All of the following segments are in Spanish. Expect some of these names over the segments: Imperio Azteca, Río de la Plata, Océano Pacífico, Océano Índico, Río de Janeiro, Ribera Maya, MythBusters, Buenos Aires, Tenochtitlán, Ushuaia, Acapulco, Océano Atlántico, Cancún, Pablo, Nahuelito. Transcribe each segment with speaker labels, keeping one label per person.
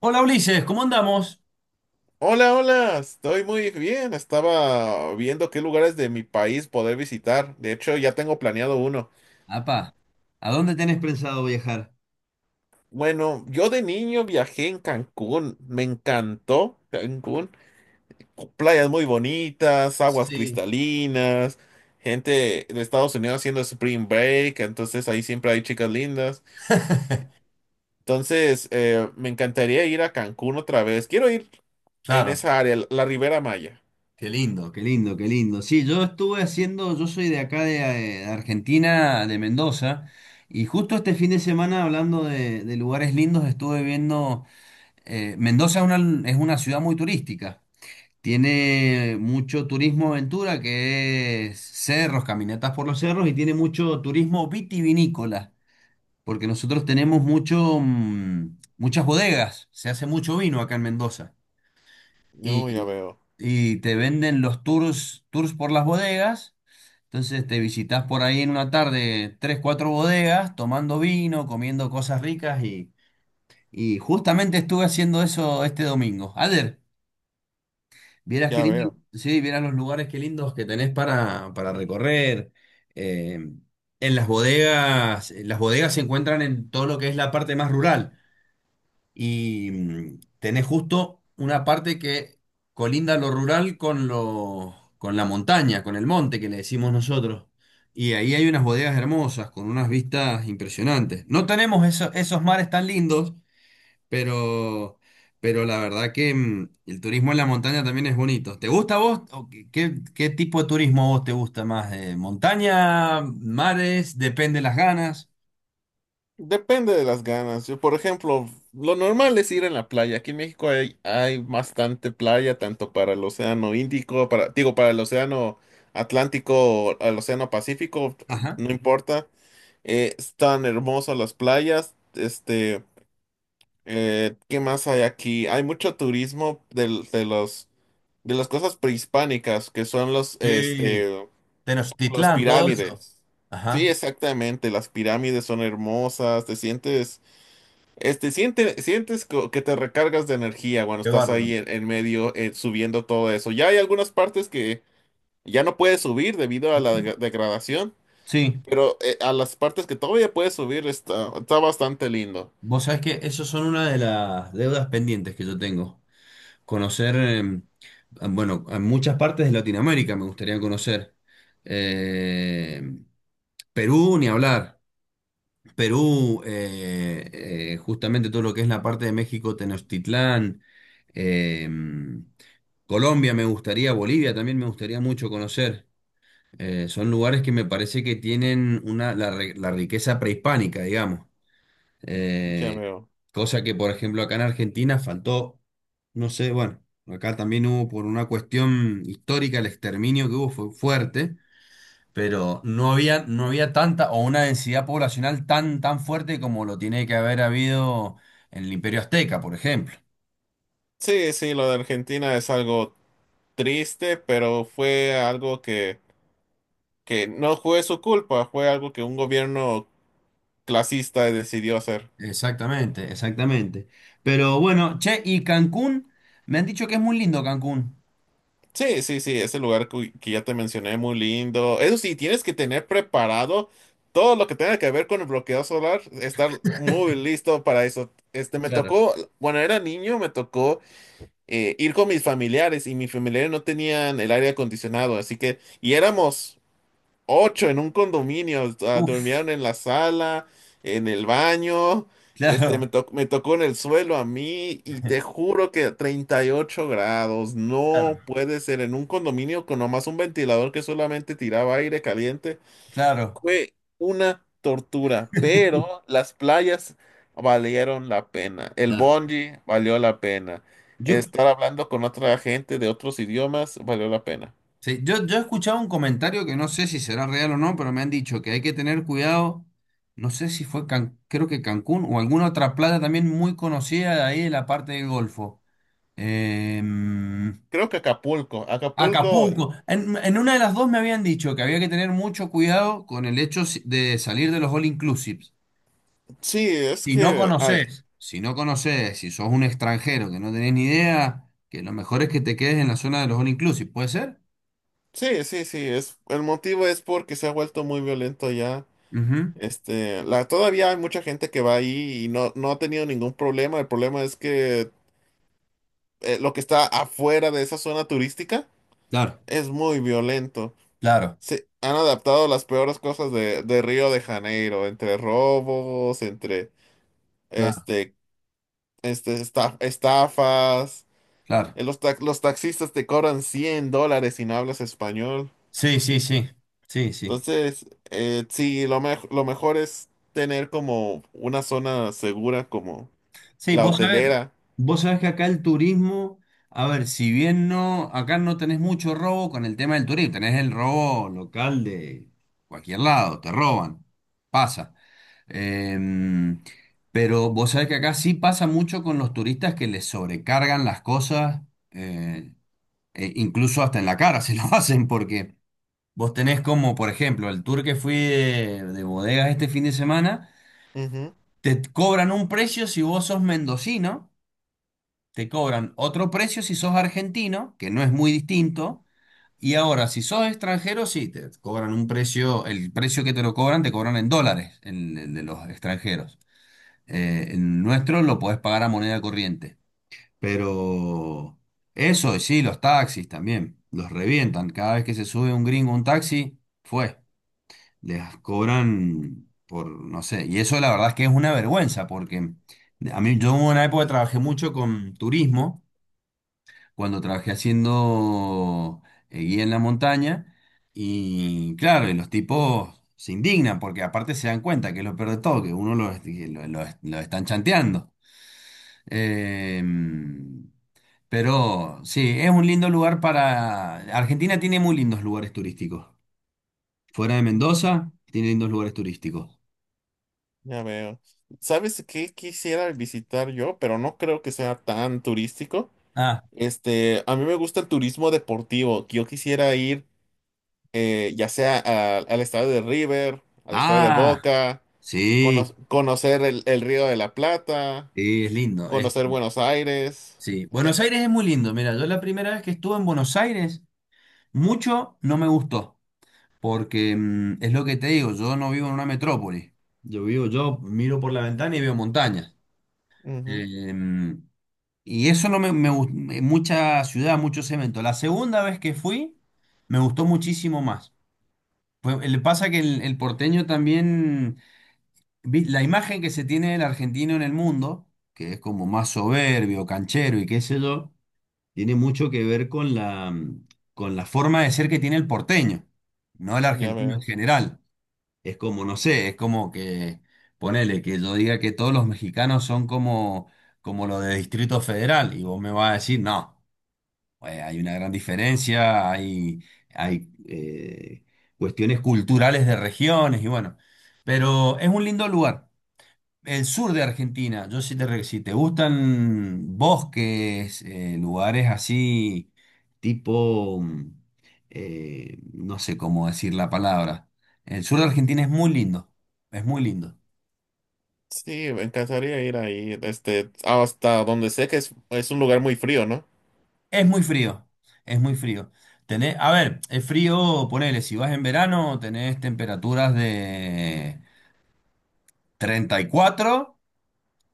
Speaker 1: Hola Ulises, ¿cómo andamos?
Speaker 2: Hola, hola, estoy muy bien. Estaba viendo qué lugares de mi país poder visitar. De hecho, ya tengo planeado uno.
Speaker 1: Apa, ¿a dónde tenés pensado viajar?
Speaker 2: Bueno, yo de niño viajé en Cancún. Me encantó Cancún. Playas muy bonitas, aguas
Speaker 1: Sí,
Speaker 2: cristalinas, gente de Estados Unidos haciendo spring break. Entonces ahí siempre hay chicas lindas. Entonces, me encantaría ir a Cancún otra vez. Quiero ir en
Speaker 1: claro,
Speaker 2: esa área, la Ribera Maya.
Speaker 1: qué lindo. Qué lindo, qué lindo. Sí, yo estuve haciendo, yo soy de acá de Argentina, de Mendoza, y justo este fin de semana, hablando de lugares lindos, estuve viendo. Mendoza es una ciudad muy turística. Tiene mucho turismo aventura, que es cerros, caminatas por los cerros, y tiene mucho turismo vitivinícola. Porque nosotros tenemos muchas bodegas, se hace mucho vino acá en Mendoza,
Speaker 2: No, ya
Speaker 1: y,
Speaker 2: veo,
Speaker 1: y te venden los tours, tours por las bodegas, entonces te visitas por ahí en una tarde tres, cuatro bodegas, tomando vino, comiendo cosas ricas, y justamente estuve haciendo eso este domingo. Ader, vieras qué
Speaker 2: ya
Speaker 1: lindo,
Speaker 2: veo.
Speaker 1: sí, vieras los lugares qué lindos que tenés para, recorrer. eh, en las bodegas se encuentran en todo lo que es la parte más rural. Y tenés justo una parte que colinda lo rural con la montaña, con el monte que le decimos nosotros. Y ahí hay unas bodegas hermosas, con unas vistas impresionantes. No tenemos esos mares tan lindos, pero, pero la verdad que el turismo en la montaña también es bonito. ¿Te gusta a vos? ¿O qué tipo de turismo a vos te gusta más? ¿Montaña, mares? Depende las ganas.
Speaker 2: Depende de las ganas. Yo, por ejemplo, lo normal es ir en la playa. Aquí en México hay bastante playa, tanto para el Océano Índico, para, digo, para el Océano Atlántico o el Océano Pacífico,
Speaker 1: Ajá.
Speaker 2: no importa. Están hermosas las playas. Este, ¿qué más hay aquí? Hay mucho turismo de los de las cosas prehispánicas, que son los,
Speaker 1: Sí.
Speaker 2: este, los
Speaker 1: Tenochtitlán, todo eso.
Speaker 2: pirámides.
Speaker 1: Ajá.
Speaker 2: Sí, exactamente, las pirámides son hermosas, te sientes este, sientes que te recargas de energía cuando
Speaker 1: Qué
Speaker 2: estás
Speaker 1: bárbaro.
Speaker 2: ahí en medio subiendo todo eso. Ya hay algunas partes que ya no puedes subir debido a la degradación,
Speaker 1: Sí,
Speaker 2: pero a las partes que todavía puedes subir está bastante lindo.
Speaker 1: vos sabés que esas son una de las deudas pendientes que yo tengo. Conocer, bueno, a muchas partes de Latinoamérica me gustaría conocer. Eh, Perú, ni hablar. Perú, justamente todo lo que es la parte de México, Tenochtitlán, eh, Colombia me gustaría, Bolivia también me gustaría mucho conocer. Son lugares que me parece que tienen una, la riqueza prehispánica, digamos.
Speaker 2: Ya
Speaker 1: Eh,
Speaker 2: veo.
Speaker 1: Cosa que, por ejemplo, acá en Argentina faltó, no sé, bueno, acá también hubo por una cuestión histórica, el exterminio que hubo fue fuerte, pero no había, tanta o una densidad poblacional tan fuerte como lo tiene que haber habido en el Imperio Azteca, por ejemplo.
Speaker 2: Sí, sí, lo de Argentina es algo triste, pero fue algo que no fue su culpa, fue algo que un gobierno clasista decidió hacer.
Speaker 1: Exactamente, exactamente. Pero bueno, che, y Cancún, me han dicho que es muy lindo Cancún.
Speaker 2: Sí, sí, sí, ese lugar que ya te mencioné, muy lindo. Eso sí, tienes que tener preparado todo lo que tenga que ver con el bloqueo solar, estar muy listo para eso. Este,
Speaker 1: Claro.
Speaker 2: cuando era niño, me tocó ir con mis familiares y mis familiares no tenían el aire acondicionado, así que, y éramos ocho en un condominio. Ah,
Speaker 1: Uf,
Speaker 2: durmieron en la sala, en el baño. Este,
Speaker 1: claro,
Speaker 2: me tocó en el suelo a mí y te juro que a 38 grados. No
Speaker 1: claro,
Speaker 2: puede ser en un condominio con nomás un ventilador que solamente tiraba aire caliente.
Speaker 1: claro.
Speaker 2: Fue una tortura, pero las playas valieron la pena. El
Speaker 1: Claro.
Speaker 2: bungee valió la pena.
Speaker 1: Yo.
Speaker 2: Estar hablando con otra gente de otros idiomas valió la pena.
Speaker 1: Sí, yo he escuchado un comentario que no sé si será real o no, pero me han dicho que hay que tener cuidado. No sé si fue creo que Cancún o alguna otra playa también muy conocida de ahí de la parte del Golfo. Em,
Speaker 2: Creo que Acapulco. Acapulco.
Speaker 1: Acapulco. En una de las dos me habían dicho que había que tener mucho cuidado con el hecho de salir de los all inclusives.
Speaker 2: Sí, es
Speaker 1: Si no
Speaker 2: que hay.
Speaker 1: conoces, si no conoces, si sos un extranjero que no tenés ni idea, que lo mejor es que te quedes en la zona de los all inclusive, ¿puede ser?
Speaker 2: Sí, sí, sí. Es, el motivo es porque se ha vuelto muy violento ya.
Speaker 1: Ujú.
Speaker 2: Este, la, todavía hay mucha gente que va ahí y no, no ha tenido ningún problema. El problema es que lo que está afuera de esa zona turística
Speaker 1: Claro.
Speaker 2: es muy violento.
Speaker 1: Claro.
Speaker 2: Se han adaptado las peores cosas de Río de Janeiro, entre robos, entre
Speaker 1: Claro.
Speaker 2: este, este, estafas.
Speaker 1: Claro.
Speaker 2: Los taxistas te cobran $100 si no hablas español.
Speaker 1: Sí, sí, sí. Sí, sí.
Speaker 2: Entonces, sí, lo mejor es tener como una zona segura como
Speaker 1: Sí,
Speaker 2: la
Speaker 1: vos sabés,
Speaker 2: hotelera.
Speaker 1: vos sabés que acá el turismo, a ver, si bien no, acá no tenés mucho robo con el tema del turismo, tenés el robo local de cualquier lado, te roban, pasa. Em, pero vos sabés que acá sí pasa mucho con los turistas que les sobrecargan las cosas, eh, e incluso hasta en la cara se lo hacen, porque vos tenés como, por ejemplo, el tour que fui de bodegas este fin de semana.
Speaker 2: Ujú.
Speaker 1: Te cobran un precio si vos sos mendocino, te cobran otro precio si sos argentino, que no es muy distinto, y ahora si sos extranjero, sí, te cobran un precio, el precio que te lo cobran te cobran en dólares, en, el de los extranjeros. El nuestro lo podés pagar a moneda corriente, pero eso, y sí, los taxis también, los revientan, cada vez que se sube un gringo a un taxi, fue les cobran por, no sé, y eso la verdad es que es una vergüenza, porque a mí, yo, hubo una época que trabajé mucho con turismo, cuando trabajé haciendo guía en la montaña, y claro, y los tipos se indignan, porque aparte se dan cuenta que es lo peor de todo, que uno los, que lo están chanteando. Eh, pero sí, es un lindo lugar para. Argentina tiene muy lindos lugares turísticos. Fuera de
Speaker 2: Mm,
Speaker 1: Mendoza, tiene lindos lugares turísticos.
Speaker 2: ya veo. ¿Sabes qué quisiera visitar yo? Pero no creo que sea tan turístico.
Speaker 1: Ah.
Speaker 2: Este, a mí me gusta el turismo deportivo. Que Yo quisiera ir ya sea al estado de River, al estado de
Speaker 1: Ah,
Speaker 2: Boca,
Speaker 1: sí,
Speaker 2: conocer el Río de la Plata,
Speaker 1: sí, es lindo, es
Speaker 2: conocer
Speaker 1: lindo.
Speaker 2: Buenos Aires.
Speaker 1: Sí,
Speaker 2: Eh,
Speaker 1: Buenos Aires es muy lindo. Mira, yo la primera vez que estuve en Buenos Aires, mucho no me gustó, porque es lo que te digo, yo no vivo en una metrópoli. Yo vivo, yo miro por la ventana y veo montañas.
Speaker 2: ujú,
Speaker 1: Em, y eso no mucha ciudad, mucho cemento. La segunda vez que fui, me gustó muchísimo más. Le pasa que el, porteño también la imagen que se tiene del argentino en el mundo, que es como más soberbio, canchero y qué sé yo, tiene mucho que ver con la forma de ser que tiene el porteño, no el
Speaker 2: Ya
Speaker 1: argentino en
Speaker 2: veo.
Speaker 1: general. Es como, no sé, es como que, ponele, que yo diga que todos los mexicanos son como los de Distrito Federal, y vos me vas a decir, no, hay una gran diferencia, hay cuestiones culturales de regiones y bueno, pero es un lindo lugar. El sur de Argentina, yo sí te, si te gustan bosques, lugares así, tipo, no sé cómo decir la palabra. El sur de Argentina es muy lindo, es muy lindo.
Speaker 2: Sí, me encantaría ir ahí, este, hasta donde sé que es un lugar muy frío, ¿no?
Speaker 1: Es muy frío, es muy frío. Tenés, a ver, es frío, ponele, si vas en verano, tenés temperaturas de 34,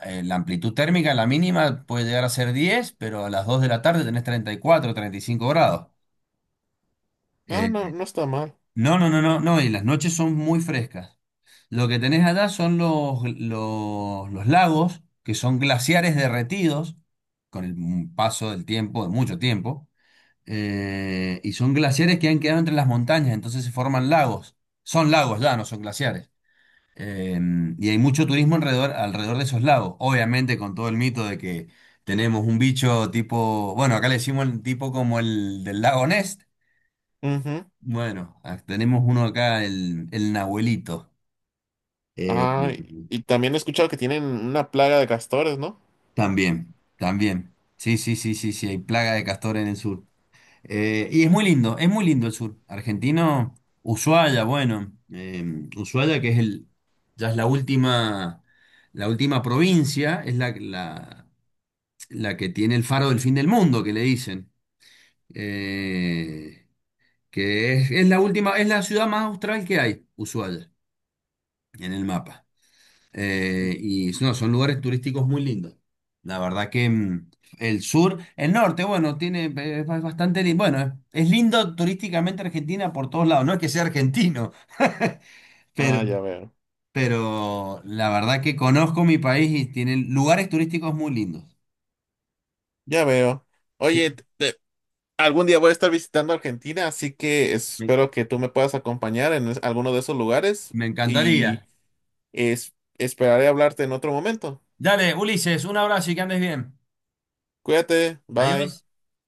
Speaker 1: la amplitud térmica, la mínima puede llegar a ser 10, pero a las 2 de la tarde tenés 30 34 35 grados. Eh,
Speaker 2: Ah, no, no está mal.
Speaker 1: No, no, no, no, no, y las noches son muy frescas. Lo que tenés allá son los lagos, que son glaciares derretidos con el paso del tiempo, de mucho tiempo, y son glaciares que han quedado entre las montañas, entonces se forman lagos. Son lagos ya, no son glaciares. Eh, y hay mucho turismo alrededor, de esos lagos, obviamente con todo el mito de que tenemos un bicho tipo, bueno, acá le decimos el tipo como el del lago Ness.
Speaker 2: Ujú.
Speaker 1: Bueno, ah, tenemos uno acá, el Nahuelito. Eh,
Speaker 2: Ah, y también he escuchado que tienen una plaga de castores, ¿no?
Speaker 1: También, también. Sí, sí, sí, sí, sí, hay plaga de castor en el sur. Y es muy lindo el sur. Argentino, Ushuaia, bueno. Ushuaia, que es el, ya es la última provincia, es la que tiene el faro del fin del mundo, que le dicen. Eh, que es, es la ciudad más austral que hay, Ushuaia, en el mapa. Y no, son lugares turísticos muy lindos. La verdad que el sur, el norte, bueno, tiene, es bastante lindo. Bueno, es lindo turísticamente Argentina por todos lados. No es que sea argentino, pero,
Speaker 2: Ah, ya veo,
Speaker 1: pero la verdad que conozco mi país y tiene lugares turísticos muy lindos.
Speaker 2: ya veo.
Speaker 1: Sí,
Speaker 2: Oye, algún día voy a estar visitando Argentina, así que
Speaker 1: me,
Speaker 2: espero que tú me puedas acompañar en alguno de esos lugares
Speaker 1: me
Speaker 2: y
Speaker 1: encantaría.
Speaker 2: esperaré hablarte en otro momento.
Speaker 1: Dale, Ulises, un abrazo y que andes bien.
Speaker 2: Cuídate, bye.
Speaker 1: Adiós.